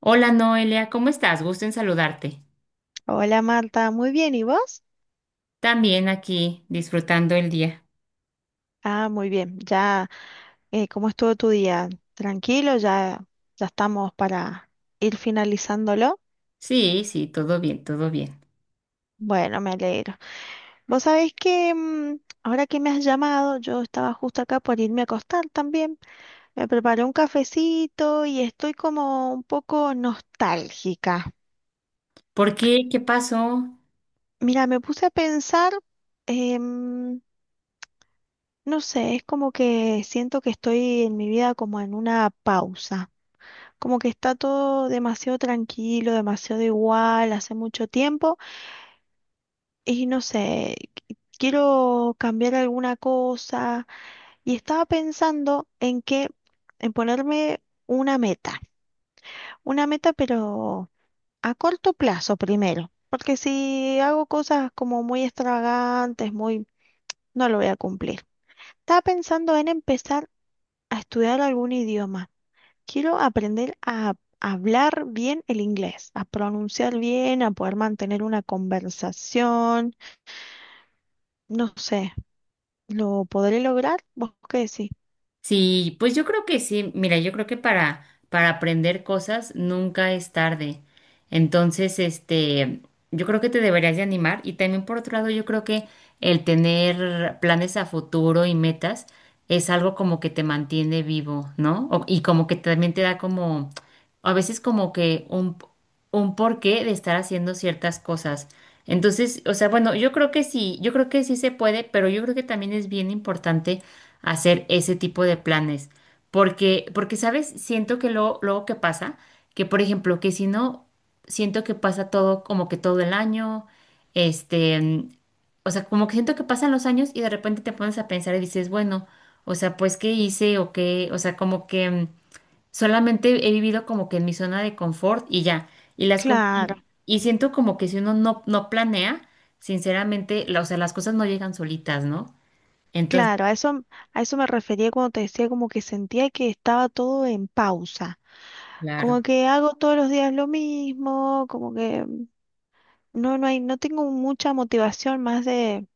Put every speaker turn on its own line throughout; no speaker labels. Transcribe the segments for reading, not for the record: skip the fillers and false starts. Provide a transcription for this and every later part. Hola Noelia, ¿cómo estás? Gusto en saludarte.
Hola Marta, muy bien, ¿y vos?
También aquí, disfrutando el día.
Ah, muy bien, ya, ¿cómo estuvo tu día? ¿Tranquilo? ¿Ya, ya estamos para ir finalizándolo?
Sí, sí, todo bien, todo bien.
Bueno, me alegro. Vos sabés que ahora que me has llamado, yo estaba justo acá por irme a acostar también. Me preparé un cafecito y estoy como un poco nostálgica.
¿Por qué? ¿Qué pasó?
Mira, me puse a pensar, em, no sé, es como que siento que estoy en mi vida como en una pausa. Como que está todo demasiado tranquilo, demasiado igual, hace mucho tiempo y no sé, quiero cambiar alguna cosa y estaba pensando en que, en ponerme una meta, una meta pero a corto plazo primero, porque si hago cosas como muy extravagantes, muy, no lo voy a cumplir. Estaba pensando en empezar a estudiar algún idioma. Quiero aprender a hablar bien el inglés, a pronunciar bien, a poder mantener una conversación. No sé, ¿lo podré lograr? ¿Vos qué decís?
Sí, pues yo creo que sí. Mira, yo creo que para aprender cosas nunca es tarde. Entonces, este, yo creo que te deberías de animar. Y también por otro lado, yo creo que el tener planes a futuro y metas es algo como que te mantiene vivo, ¿no? Y como que también te da como, a veces como que un porqué de estar haciendo ciertas cosas. Entonces, o sea, bueno, yo creo que sí, yo creo que sí se puede, pero yo creo que también es bien importante hacer ese tipo de planes. Porque, ¿sabes? Siento que luego, luego que pasa, que por ejemplo, que si no, siento que pasa todo como que todo el año, este, o sea, como que siento que pasan los años y de repente te pones a pensar y dices, bueno, o sea, pues, ¿qué hice o qué? O sea, como que solamente he vivido como que en mi zona de confort y ya. Y las cosas,
Claro,
y siento como que si uno no, no planea, sinceramente, o sea, las cosas no llegan solitas, ¿no? Entonces,
claro, a eso me refería cuando te decía como que sentía que estaba todo en pausa. Como
claro.
que hago todos los días lo mismo, como que no, no hay, no tengo mucha motivación más de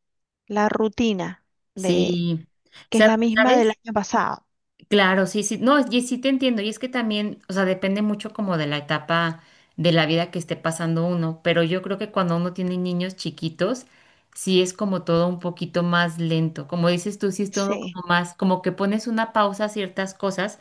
la rutina de
Sí.
que es
¿Sabes?
la misma del
¿Sabes?
año pasado.
Claro, sí, sí, no, y sí te entiendo, y es que también, o sea, depende mucho como de la etapa de la vida que esté pasando uno, pero yo creo que cuando uno tiene niños chiquitos, sí es como todo un poquito más lento, como dices tú, sí es todo
Sí,
como más, como que pones una pausa a ciertas cosas,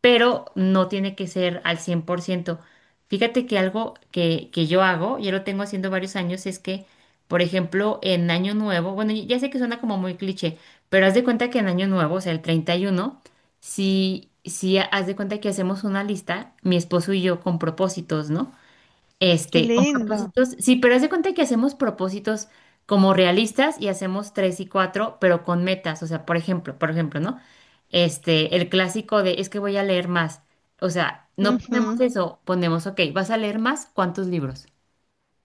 pero no tiene que ser al 100%. Fíjate que algo que yo hago, ya lo tengo haciendo varios años, es que, por ejemplo, en Año Nuevo, bueno, ya sé que suena como muy cliché, pero haz de cuenta que en Año Nuevo, o sea, el 31 si haz de cuenta que hacemos una lista, mi esposo y yo con propósitos, ¿no?
qué
Este, con
lindo.
propósitos, sí, pero haz de cuenta que hacemos propósitos como realistas y hacemos tres y cuatro, pero con metas. O sea, por ejemplo, ¿no? Este, el clásico de es que voy a leer más. O sea, no ponemos
Claro,
eso, ponemos, ok, vas a leer más, ¿cuántos libros?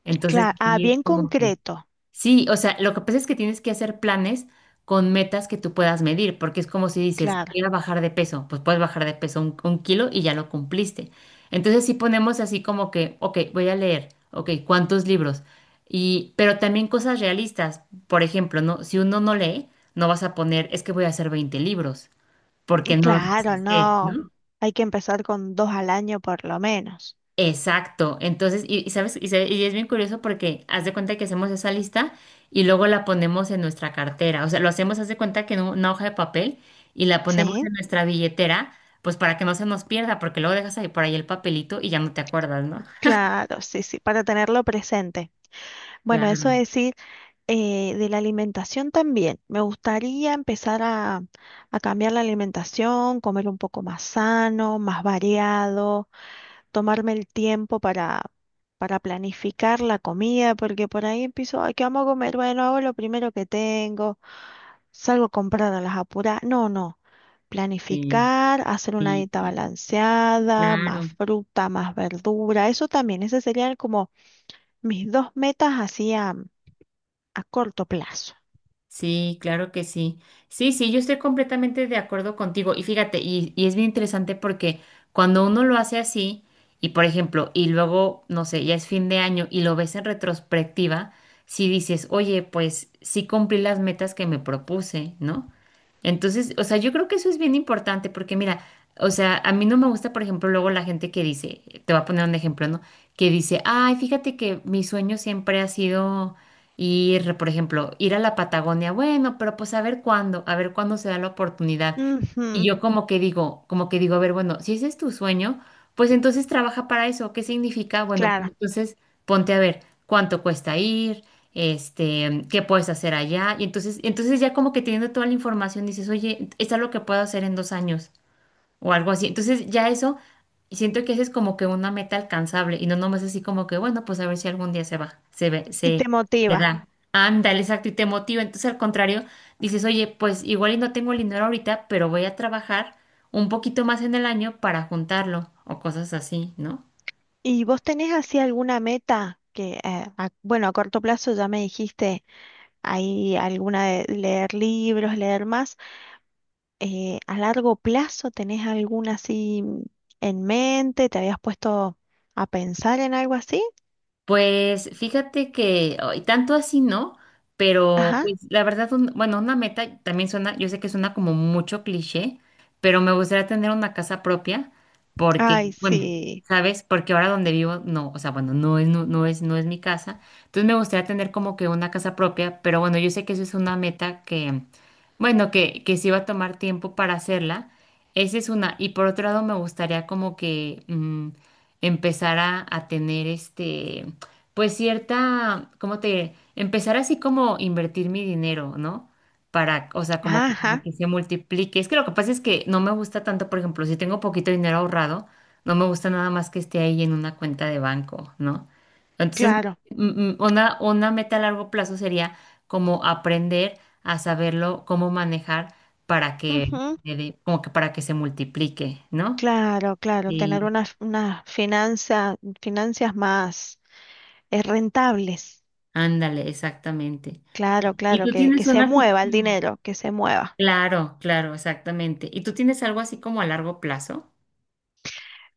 Entonces,
ah,
ahí es
bien
como que
concreto,
sí, o sea, lo que pasa es que tienes que hacer planes con metas que tú puedas medir, porque es como si dices,
claro,
voy a bajar de peso, pues puedes bajar de peso un kilo y ya lo cumpliste. Entonces, si ponemos así como que, ok, voy a leer, ok, ¿cuántos libros? Y, pero también cosas realistas. Por ejemplo, ¿no? Si uno no lee, no vas a poner, es que voy a hacer 20 libros, porque no los vas a
claro,
hacer,
no,
¿no?
hay que empezar con dos al año por lo menos,
Exacto. Entonces, y sabes, y es bien curioso porque haz de cuenta que hacemos esa lista y luego la ponemos en nuestra cartera. O sea, lo hacemos, haz de cuenta que en una hoja de papel y la ponemos
¿sí?
en nuestra billetera, pues para que no se nos pierda, porque luego dejas ahí por ahí el papelito y ya no te acuerdas, ¿no?
Claro, sí, sí, para tenerlo presente. Bueno, eso
Claro,
es decir, de la alimentación también, me gustaría empezar a cambiar la alimentación, comer un poco más sano, más variado, tomarme el tiempo para planificar la comida, porque por ahí empiezo, ay, ¿qué vamos a comer? Bueno, hago lo primero que tengo. Salgo a comprar a las apuras. No, no.
sí,
Planificar, hacer una
sí,
dieta balanceada, más
claro.
fruta, más verdura. Eso también, esas serían como mis dos metas así a corto plazo.
Sí, claro que sí. Sí, sí, yo estoy completamente de acuerdo contigo. Y fíjate, y es bien interesante porque cuando uno lo hace así, y por ejemplo, y luego, no sé, ya es fin de año y lo ves en retrospectiva, si dices, oye, pues sí cumplí las metas que me propuse, ¿no? Entonces, o sea, yo creo que eso es bien importante porque mira, o sea, a mí no me gusta, por ejemplo, luego la gente que dice, te voy a poner un ejemplo, ¿no? Que dice, ay, fíjate que mi sueño siempre ha sido ir, por ejemplo, ir a la Patagonia, bueno, pero pues a ver cuándo se da la oportunidad. Y
Ujú,
yo como que digo, a ver, bueno, si ese es tu sueño, pues entonces trabaja para eso. ¿Qué significa? Bueno, pues
claro.
entonces ponte a ver cuánto cuesta ir, este, qué puedes hacer allá. Y entonces, ya como que teniendo toda la información dices, oye, es algo que puedo hacer en 2 años o algo así. Entonces ya eso, siento que esa es como que una meta alcanzable y no nomás así como que, bueno, pues a ver si algún día se va, se ve,
Y
se,
te
se
motiva.
da. Ándale, exacto, y te motiva. Entonces al contrario, dices, oye, pues igual y no tengo el dinero ahorita, pero voy a trabajar un poquito más en el año para juntarlo o cosas así, ¿no?
¿Y vos tenés así alguna meta que, bueno, a corto plazo ya me dijiste ahí alguna de leer libros, leer más? ¿A largo plazo tenés alguna así en mente? ¿Te habías puesto a pensar en algo así?
Pues fíjate que ay, tanto así no, pero
Ajá.
pues la verdad, bueno, una meta también suena, yo sé que suena como mucho cliché, pero me gustaría tener una casa propia
Ay,
porque, bueno,
sí.
¿sabes? Porque ahora donde vivo, no, o sea, bueno, no es, no, no es, no es mi casa. Entonces me gustaría tener como que una casa propia, pero bueno, yo sé que eso es una meta que, bueno, que sí va a tomar tiempo para hacerla. Esa es una. Y por otro lado, me gustaría como que empezar a tener este pues cierta, ¿cómo te diré? Empezar así como invertir mi dinero, ¿no? Para, o sea, como que, para
Ajá,
que se multiplique. Es que lo que pasa es que no me gusta tanto, por ejemplo, si tengo poquito dinero ahorrado, no me gusta nada más que esté ahí en una cuenta de banco, ¿no? Entonces,
claro.
una meta a largo plazo sería como aprender a saberlo, cómo manejar para que,
Ujú.
como que para que se multiplique, ¿no?
Claro, claro. Tener
Sí,
unas finanzas más rentables.
ándale, exactamente. ¿Y,
Claro,
y
claro,
tú
que
tienes
se
una así
mueva el
como...
dinero, que se mueva.
Claro, claro, exactamente. ¿Y tú tienes algo así como a largo plazo?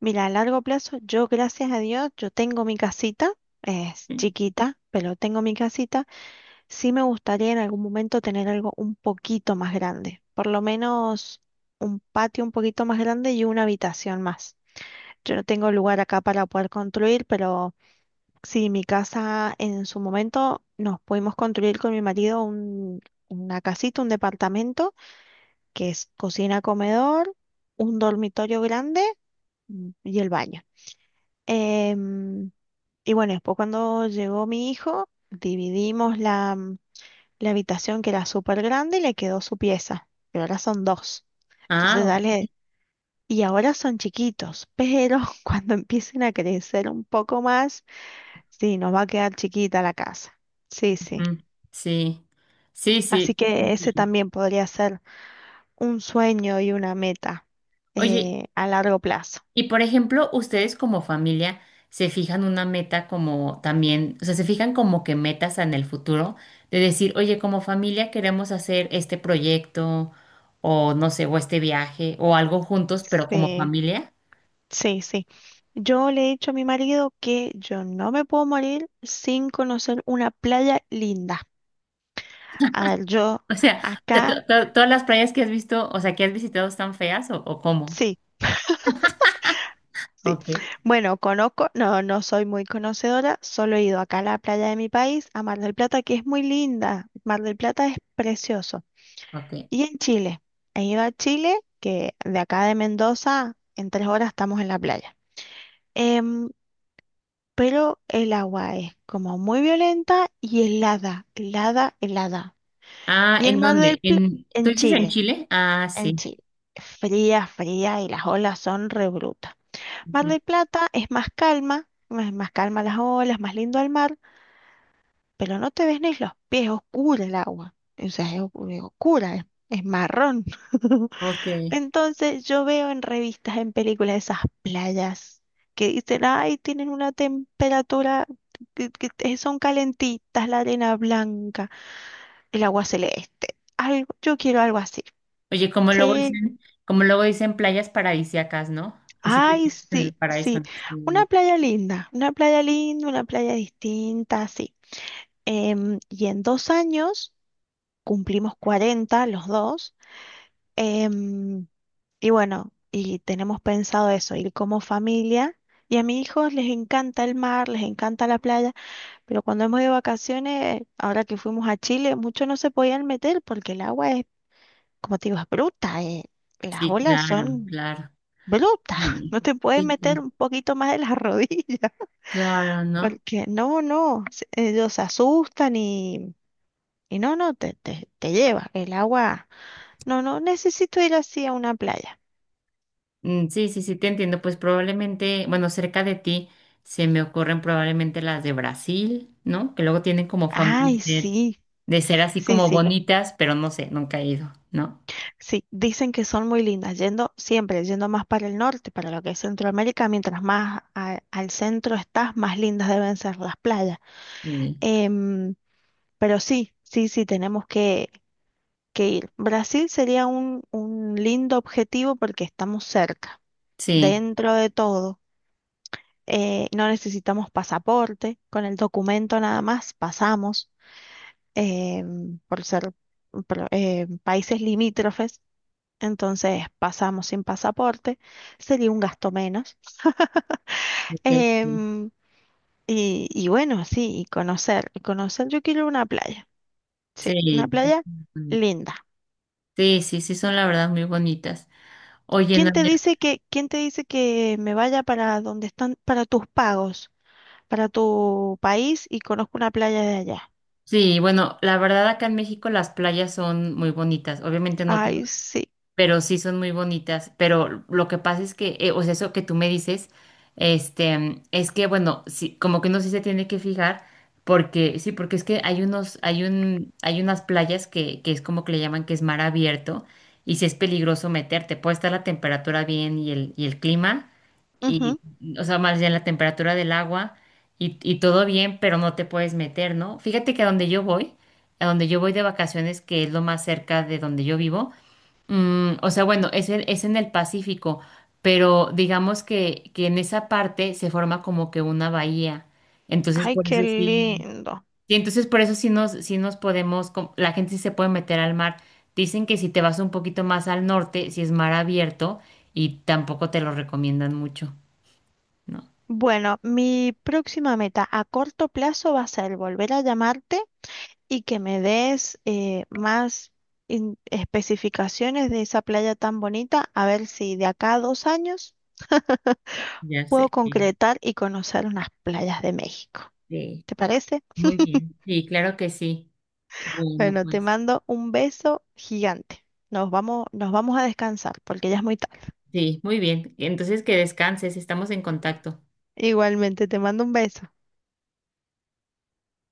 Mira, a largo plazo, yo gracias a Dios, yo tengo mi casita, es
Sí.
chiquita, pero tengo mi casita. Sí me gustaría en algún momento tener algo un poquito más grande, por lo menos un patio un poquito más grande y una habitación más. Yo no tengo lugar acá para poder construir, pero sí, mi casa en su momento nos pudimos construir con mi marido una casita, un departamento, que es cocina, comedor, un dormitorio grande y el baño. Em, y bueno, después cuando llegó mi hijo, dividimos la habitación que era súper grande y le quedó su pieza, pero ahora son dos.
Ah,
Entonces
ok.
dale, y ahora son chiquitos, pero cuando empiecen a crecer un poco más, sí, nos va a quedar chiquita la casa. Sí, sí.
Ujú. Sí, sí, sí.
Así que ese también podría ser un sueño y una meta
Oye,
a largo plazo.
y por ejemplo, ustedes como familia se fijan una meta como también, o sea, se fijan como que metas en el futuro de decir, oye, como familia queremos hacer este proyecto o no sé, o este viaje o algo juntos, pero como
Sí,
familia.
sí, sí. Yo le he dicho a mi marido que yo no me puedo morir sin conocer una playa linda. A ver, yo
O sea,
acá,
todas las playas que has visto, o sea, que has visitado están feas o, ¿o cómo?
sí. Sí.
Ok,
Bueno, conozco, no, no soy muy conocedora, solo he ido acá a la playa de mi país, a Mar del Plata, que es muy linda. Mar del Plata es precioso.
ok.
Y en Chile, he ido a Chile, que de acá de Mendoza, en 3 horas estamos en la playa. Em, pero el agua es como muy violenta y helada, helada, helada.
Ah,
Y el
¿en
Mar del
dónde?
Plata,
¿En, tú
en
dices en
Chile,
Chile? Ah,
en
sí.
Chile, fría, fría y las olas son re brutas. Mar
Ujú.
del Plata es más calma, más calma las olas, más lindo el mar, pero no te ves ni los pies, oscura el agua. O sea, es, es oscura, es marrón.
Ok.
Entonces yo veo en revistas, en películas esas playas que dicen, ay, tienen una temperatura que son calentitas, la arena blanca, el agua celeste. Algo, yo quiero algo así.
Oye, como luego
Sí.
dicen, playas paradisíacas, ¿no? Pues sí te
Ay,
sientes en el
sí,
paraíso.
sí. Una
Sí,
playa linda, una playa linda, una playa distinta, sí. Y en 2 años cumplimos 40 los dos. em, y bueno, y tenemos pensado eso, ir como familia. Y a mis hijos les encanta el mar, les encanta la playa, pero cuando hemos ido de vacaciones, ahora que fuimos a Chile, muchos no se podían meter porque el agua es, como te digo, es bruta. Las
sí,
olas
claro,
son
claro.
brutas.
Sí,
No te puedes
sí,
meter
sí,
un poquito más de las rodillas.
claro, ¿no?
Porque no, no, ellos se asustan y, no, no, te lleva el agua. No, no, necesito ir así a una playa.
Mm, sí, sí, sí, te entiendo. Pues probablemente, bueno, cerca de ti se me ocurren probablemente las de Brasil, ¿no? Que luego tienen como fama
Ay, sí,
de ser así
sí,
como
sí,
bonitas, pero no sé, nunca he ido, ¿no?
sí, dicen que son muy lindas, yendo siempre, yendo más para el norte, para lo que es Centroamérica, mientras más al centro estás, más lindas deben ser las playas.
Sí,
Em, pero sí, sí, sí, tenemos que ir. Brasil sería un lindo objetivo porque estamos cerca,
sí.
dentro de todo. No necesitamos pasaporte, con el documento nada más pasamos eh, por ser países limítrofes, entonces pasamos sin pasaporte, sería un gasto menos.
Ok,
Em, y bueno, sí, y conocer, yo quiero una playa, sí,
sí,
una playa linda.
sí, sí, sí, son la verdad muy bonitas. Oye, no,
¿Quién te dice que me vaya para donde están, para tus pagos, para tu país y conozco una playa de allá?
sí, bueno, la verdad acá en México las playas son muy bonitas, obviamente no todas.
Ay, sí.
Pero sí son muy bonitas. Pero lo que pasa es que, o sea, eso que tú me dices, este, es que, bueno, sí, como que uno sí se tiene que fijar, porque, sí, porque es que hay unos, hay unas playas que es como que le llaman que es mar abierto, y sí es peligroso meterte. Puede estar la temperatura bien y el clima, y, o sea, más bien la temperatura del agua, y todo bien, pero no te puedes meter, ¿no? Fíjate que a donde yo voy, de vacaciones, que es lo más cerca de donde yo vivo. O sea, bueno, es en el Pacífico, pero digamos que en esa parte se forma como que una bahía. Entonces,
Ay,
por eso
qué
sí,
lindo.
sí, entonces por eso sí nos podemos, la gente sí se puede meter al mar. Dicen que si te vas un poquito más al norte, si es mar abierto, y tampoco te lo recomiendan mucho, ¿no?
Bueno, mi próxima meta a corto plazo va a ser volver a llamarte y que me des más especificaciones de esa playa tan bonita, a ver si de acá a 2 años
Ya
puedo
sé. Sí,
concretar y conocer unas playas de México.
sí,
¿Te parece?
muy bien. Sí, claro que sí. Bueno,
Bueno, te
pues.
mando un beso gigante. Nos vamos a descansar porque ya es muy tarde.
Sí, muy bien. Entonces que descanses, estamos en contacto.
Igualmente, te mando un beso.